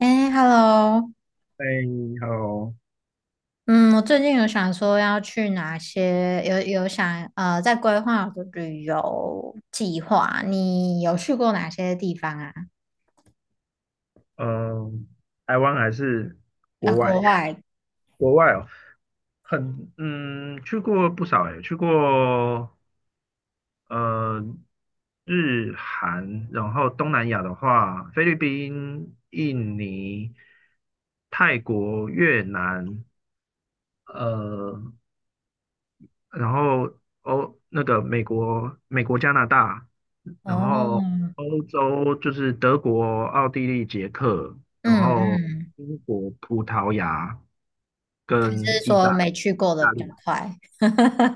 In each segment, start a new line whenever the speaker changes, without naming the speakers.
哎，Hello，
哎你好。
嗯，我最近有想说要去哪些，有想在规划我的旅游计划。你有去过哪些地方啊？
嗯，台湾还是
啊，
国
国
外？
外？
国外哦，很去过不少诶，去过呃日韩，然后东南亚的话，菲律宾、印尼、泰国、越南，呃，然后那个美国、加拿大，然后
哦，
欧洲就是德国、奥地利、捷克，然
嗯
后
嗯，
英国、葡萄牙
你
跟
是
意
说
大
没
利。
去过的
大
比较
陆
快？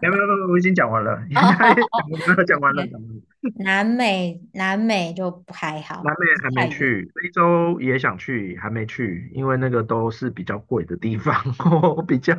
没有没有没有，我已经讲完了，应该讲
哦
完了，讲完了，讲
，OK，
完了。
南美就不还好，
南美还
太
没
远。
去，非洲也想去，还没去，因为那个都是比较贵的地方，我比较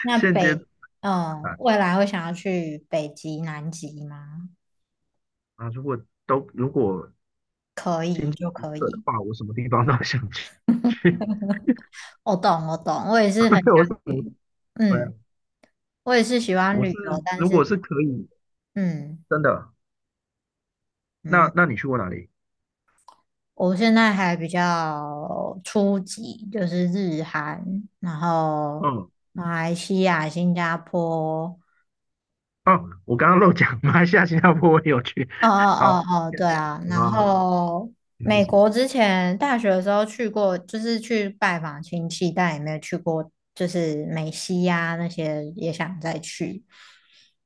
那
现阶
北，嗯，
段
未来会想要去北极、南极吗？
啊，如果
可
经
以
济
就
许
可
可的
以。
话，我什么地方都 想去。
我懂，我懂，我也是很想
对，我是
去，
对啊，
嗯，我也是喜欢
我
旅
是
游，但
如
是，
果是可以，
嗯
真的，
嗯，
那你去过哪里？
我现在还比较初级，就是日韩，然后
嗯，
马来西亚、新加坡，
哦，我刚刚漏讲，马来西亚、新加坡我也有去。
哦 哦
好，
哦哦，对啊，
啊，
然后
还有
美
什么？
国之前大学的时候去过，就是去拜访亲戚，但也没有去过，就是美西呀、那些也想再去。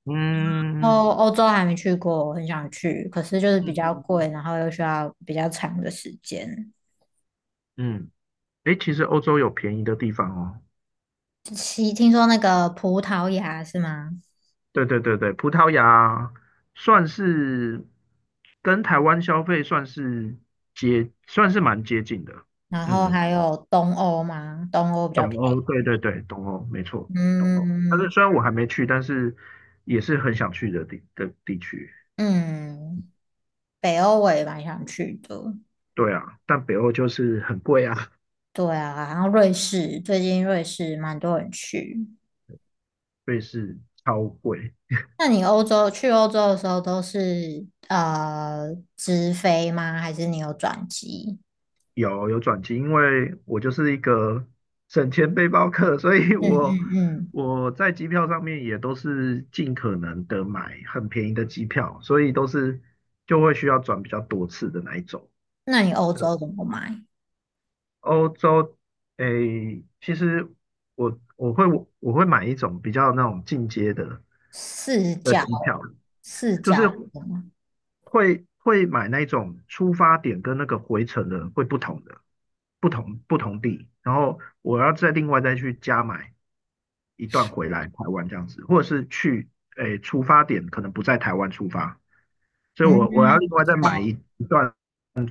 嗯
哦，欧洲还没去过，我很想去，可是就是比
嗯
较
嗯
贵，然后又需要比较长的时间。
嗯，诶，其实欧洲有便宜的地方哦。
其听说那个葡萄牙是吗？
对对对对，葡萄牙算是跟台湾消费算是算是蛮接近的。
然后
嗯。
还有东欧吗？东欧比较
东
便
欧，
宜。
对对对，东欧，没错，东欧。但是
嗯
虽然我还没去，但是也是很想去的地区。
嗯，北欧我也蛮想去的。
对啊，但北欧就是很贵啊，
对啊，然后瑞士，最近瑞士蛮多人去。
瑞士超贵。
那你欧洲去欧洲的时候都是直飞吗？还是你有转机？
有转机，因为我就是一个省钱背包客，所以
嗯
我
嗯嗯，
我在机票上面也都是尽可能的买很便宜的机票，所以都是就会需要转比较多次的那一种。
那你欧洲怎么买？
欧洲，诶，其实我我会我会买一种比较那种进阶的
四
的
角
机票，
四
就是
角的，
会买那种出发点跟那个回程的会不同的，不同地，然后我要再另外再去加买一段回来台湾这样子，或者是去出发点可能不在台湾出发，所以
嗯，
我要另
我
外
知
再买
道，
一段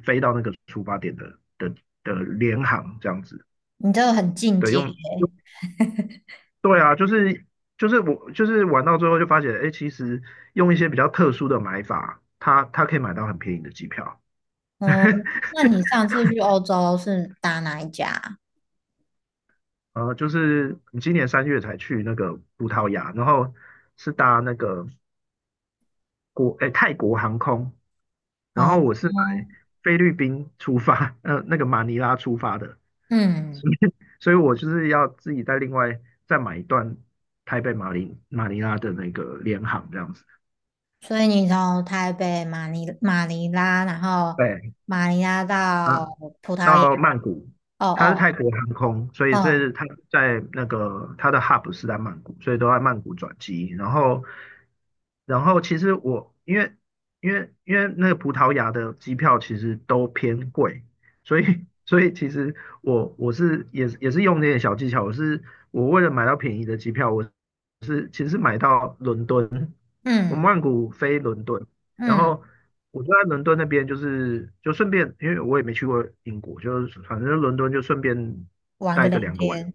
飞到那个出发点的联航这样子，
你这个很进
对，
阶。
用。对啊，就是我就是玩到最后就发现，哎，其实用一些比较特殊的买法，它可以买到很便宜的机票。
嗯，那你上次去欧洲是打哪一家
就是你今年3月才去那个葡萄牙，然后是搭那个泰国航空，然
啊
后我是买
哦，
菲律宾出发，那个马尼拉出发的，
嗯，
所以我就是要自己再另外再买一段台北马尼拉的那个联航这样子。
所以你从台北马尼拉，然后
对
马尼拉到
啊，
葡萄牙。
到曼谷，
哦
它是
哦
泰国航空，所以
哦，
是它在那个它的 hub 是在曼谷，所以都在曼谷转机。然后，其实我因为那个葡萄牙的机票其实都偏贵，所以其实我也是用那些小技巧，我为了买到便宜的机票，其实是买到伦敦。我
嗯
曼谷飞伦敦，然
嗯，
后我就在伦敦那边，就是就顺便，因为我也没去过英国，就是反正伦敦就顺便
玩个
待个
两
2个晚，
天。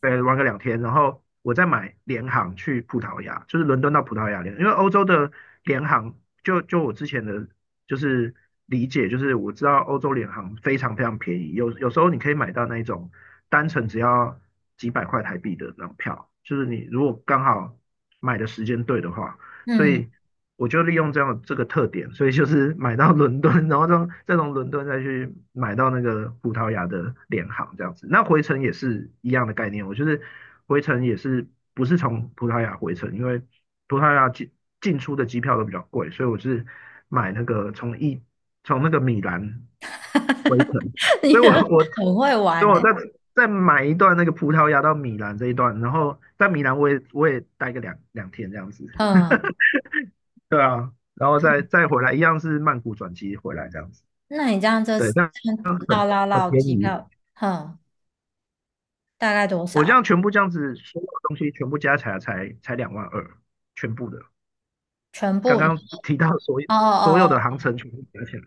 对，玩个两天，然后我再买联航去葡萄牙，就是伦敦到葡萄牙因为欧洲的联航，就我之前的就是理解，就是我知道欧洲联航非常非常便宜，有时候你可以买到那种单程只要几百块台币的那种票，就是你如果刚好买的时间对的话。所
嗯，
以我就利用这样这个特点，所以就是买到伦敦，然后再从伦敦再去买到那个葡萄牙的联航这样子。那回程也是一样的概念，我就是回程也是不是从葡萄牙回程，因为葡萄牙进出的机票都比较贵，所以我是买那个从那个米兰回程，
你
所以我我所
很会
以
玩
我
呢。
在。再买一段那个葡萄牙到米兰这一段，然后在米兰我也待个两天这样子。
嗯，
对啊，然后再回来，一样是曼谷转机回来这样子，
那你这样这
对，
次
那
这样绕绕
很
绕
便
机
宜。
票，哼、大概多
我这
少？
样全部这样子，所有东西全部加起来才两万二，全部的。
全
刚
部一？
刚提到所有
哦
所有的
哦
航程全部加起来，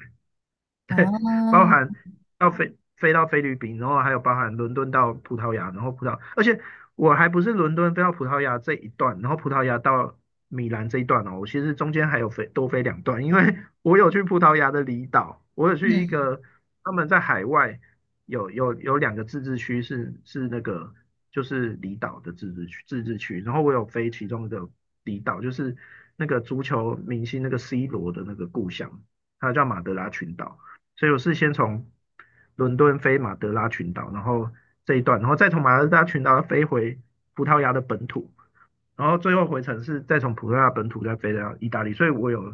哦
对，包含
哦，
要飞到菲律宾，然后还有包含伦敦到葡萄牙，然后而且我还不是伦敦飞到葡萄牙这一段，然后葡萄牙到米兰这一段哦，我其实中间还有多飞两段，因为 我有去葡萄牙的离岛，我有去一
嗯
个他们在海外有两个自治区是那个就是离岛的自治区，然后我有飞其中一个离岛，就是那个足球明星那个 C 罗的那个故乡，它叫马德拉群岛。所以我是先从伦敦飞马德拉群岛，然后这一段，然后再从马德拉群岛飞回葡萄牙的本土，然后最后回程是再从葡萄牙本土再飞到意大利，所以我有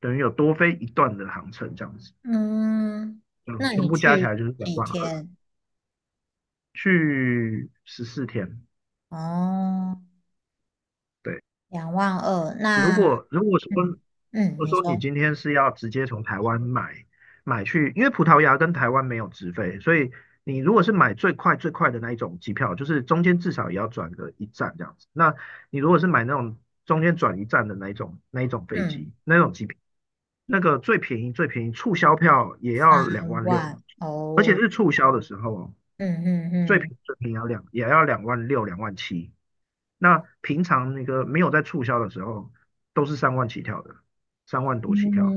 等于有多飞一段的航程这样子，
嗯，
嗯，
那
全
你
部加起
去
来就是两
几
万二，
天？
去十四天，
哦，
对，
两万二，
如
那
果如果说
嗯嗯，
我
你
说你
说
今天是要直接从台湾买去，因为葡萄牙跟台湾没有直飞，所以你如果是买最快最快的那一种机票，就是中间至少也要转个一站这样子。那你如果是买那种中间转一站的那一种飞
嗯
机那种机票，那个最便宜最便宜促销票也要
三
两万六，
万
而且
哦，
是促销的时候哦。
嗯嗯嗯
最便宜要也要两万六、2.7万。那平常那个没有在促销的时候，都是三万起跳的，3万多起跳，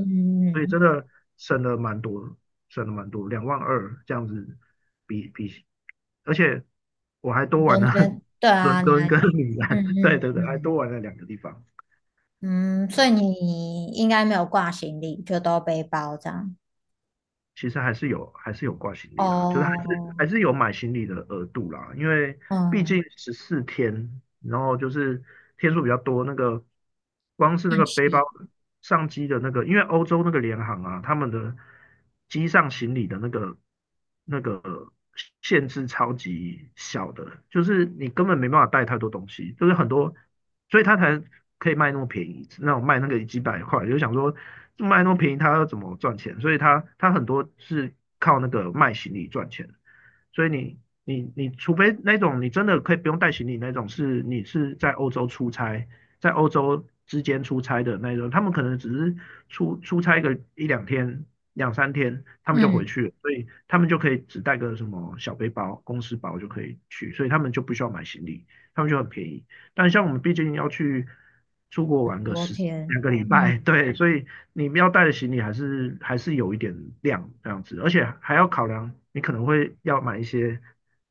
所以真的省了蛮多，省了蛮多，两万二这样子比，而且我还多
嗯
玩
中
了
间对
伦
啊，你
敦
还
跟米
嗯
兰，对
嗯
对对，还
嗯
多玩了两个地方。
嗯，所
对。
以你应该没有挂行李，就都背包这样。
其实还是有挂行李啦，就是还
哦，
是还是有买行李的额度啦，因为毕
嗯，
竟十四天，然后就是天数比较多，那个光是那
叹
个背包
息，
上机的那个，因为欧洲那个联航啊，他们的机上行李的那个限制超级小的，就是你根本没办法带太多东西，就是很多，所以他才可以卖那么便宜，那种卖那个几百块，就想说卖那么便宜，他要怎么赚钱？所以他很多是靠那个卖行李赚钱，所以你除非那种你真的可以不用带行李那种，是你是在欧洲出差，在欧洲之间出差的那种，他们可能只是出差个一两天，两三天，他们就
嗯，
回去了，所以他们就可以只带个什么小背包、公司包就可以去，所以他们就不需要买行李，他们就很便宜。但像我们毕竟要去出国玩个
昨天。
2个礼拜，
嗯
对，所以你们要带的行李还是有一点量这样子，而且还要考量你可能会要买一些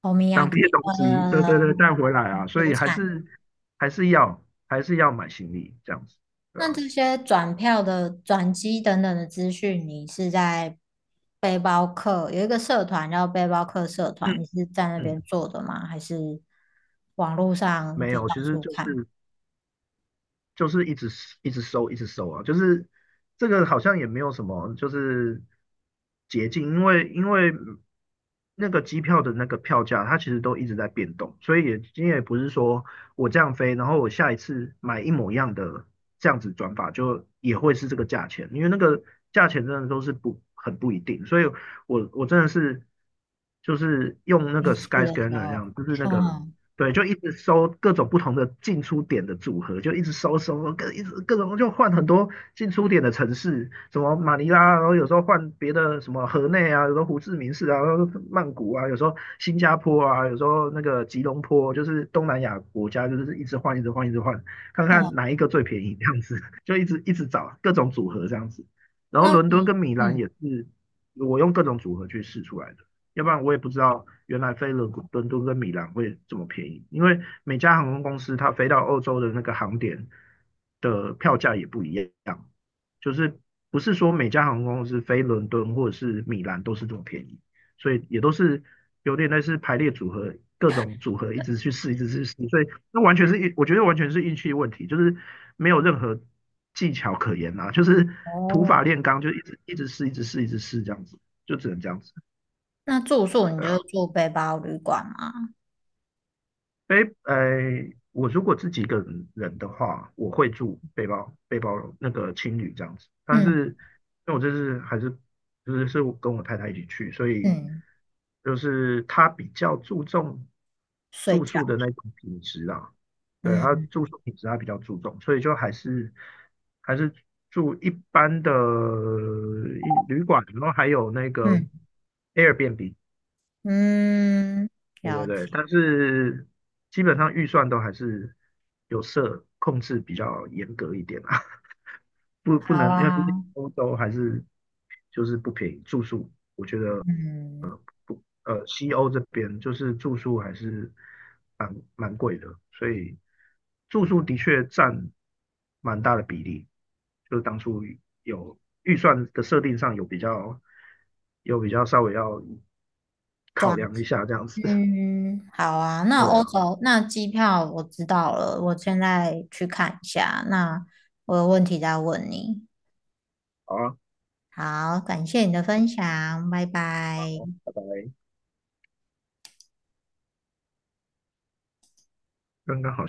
欧米亚
当
给
地的东西，对
呃
对对，带回来啊，所
出
以还
产。
是还是要还是要买行李这样子，对
那
啊。
这些转票的、转机等等的资讯，你是在背包客有一个社团叫背包客社
嗯
团，你是在那
嗯，
边做的吗？还是网络上
没
就到
有，其实
处
就
看？
是就是一直一直收，一直收啊，就是这个好像也没有什么就是捷径，因为那个机票的那个票价，它其实都一直在变动，所以也今天也不是说我这样飞，然后我下一次买一模一样的这样子转法，就也会是这个价钱，因为那个价钱真的都是不很不一定，所以我真的是就是用那个
没事的时
Skyscanner 这
候，
样，就是那个
嗯
对，就一直收各种不同的进出点的组合，就一直收收收，一直各种就换很多进出点的城市，什么马尼拉啊，然后有时候换别的什么河内啊，有时候胡志明市啊，然后曼谷啊，有时候新加坡啊，有时候那个吉隆坡，就是东南亚国家，就是一直换，一直换，一直换，看
哦，
看哪一个最便宜这样子，就一直一直找各种组合这样子。然后
那
伦敦
你
跟米兰
嗯
也是我用各种组合去试出来的。要不然我也不知道原来飞伦敦跟米兰会这么便宜，因为每家航空公司它飞到欧洲的那个航点的票价也不一样，就是不是说每家航空公司飞伦敦或者是米兰都是这么便宜，所以也都是有点类似排列组合，各种组合一直去试，一直去试，所以那完全是我觉得完全是运气问题，就是没有任何技巧可言啊，就是土法
哦，
炼钢，就一直一直试，一直试，一直试这样子，就只能这样子，
那住宿你
对
就
啊。
住背包旅馆吗？
背，呃，我如果自己一个人的话，我会住背包那个青旅这样子。但
嗯
是，因为我这次还是就是我跟我太太一起去，所以
嗯，
就是她比较注重
睡
住
觉，
宿的那种品质啊，对，她住
嗯
宿品质她比较注重，所以就还是还是住一般的旅馆，然后还有那个
嗯
Airbnb。
嗯，
对
了
对对，
解，
但是基本上预算都还是有设控制比较严格一点啊，不
好
能，因为毕竟
啊。
欧洲还是就是不便宜，住宿
嗯，
不呃西欧这边就是住宿还是蛮贵的，所以住宿的确占蛮大的比例，就是当初有预算的设定上有比较稍微要考
转
量一下这样子，
嗯，好啊。那
对
欧
啊。
洲那机票我知道了，我现在去看一下。那我有问题再问你。
好啊
好，感谢你的分享，拜拜。
好，拜拜。刚刚好。像。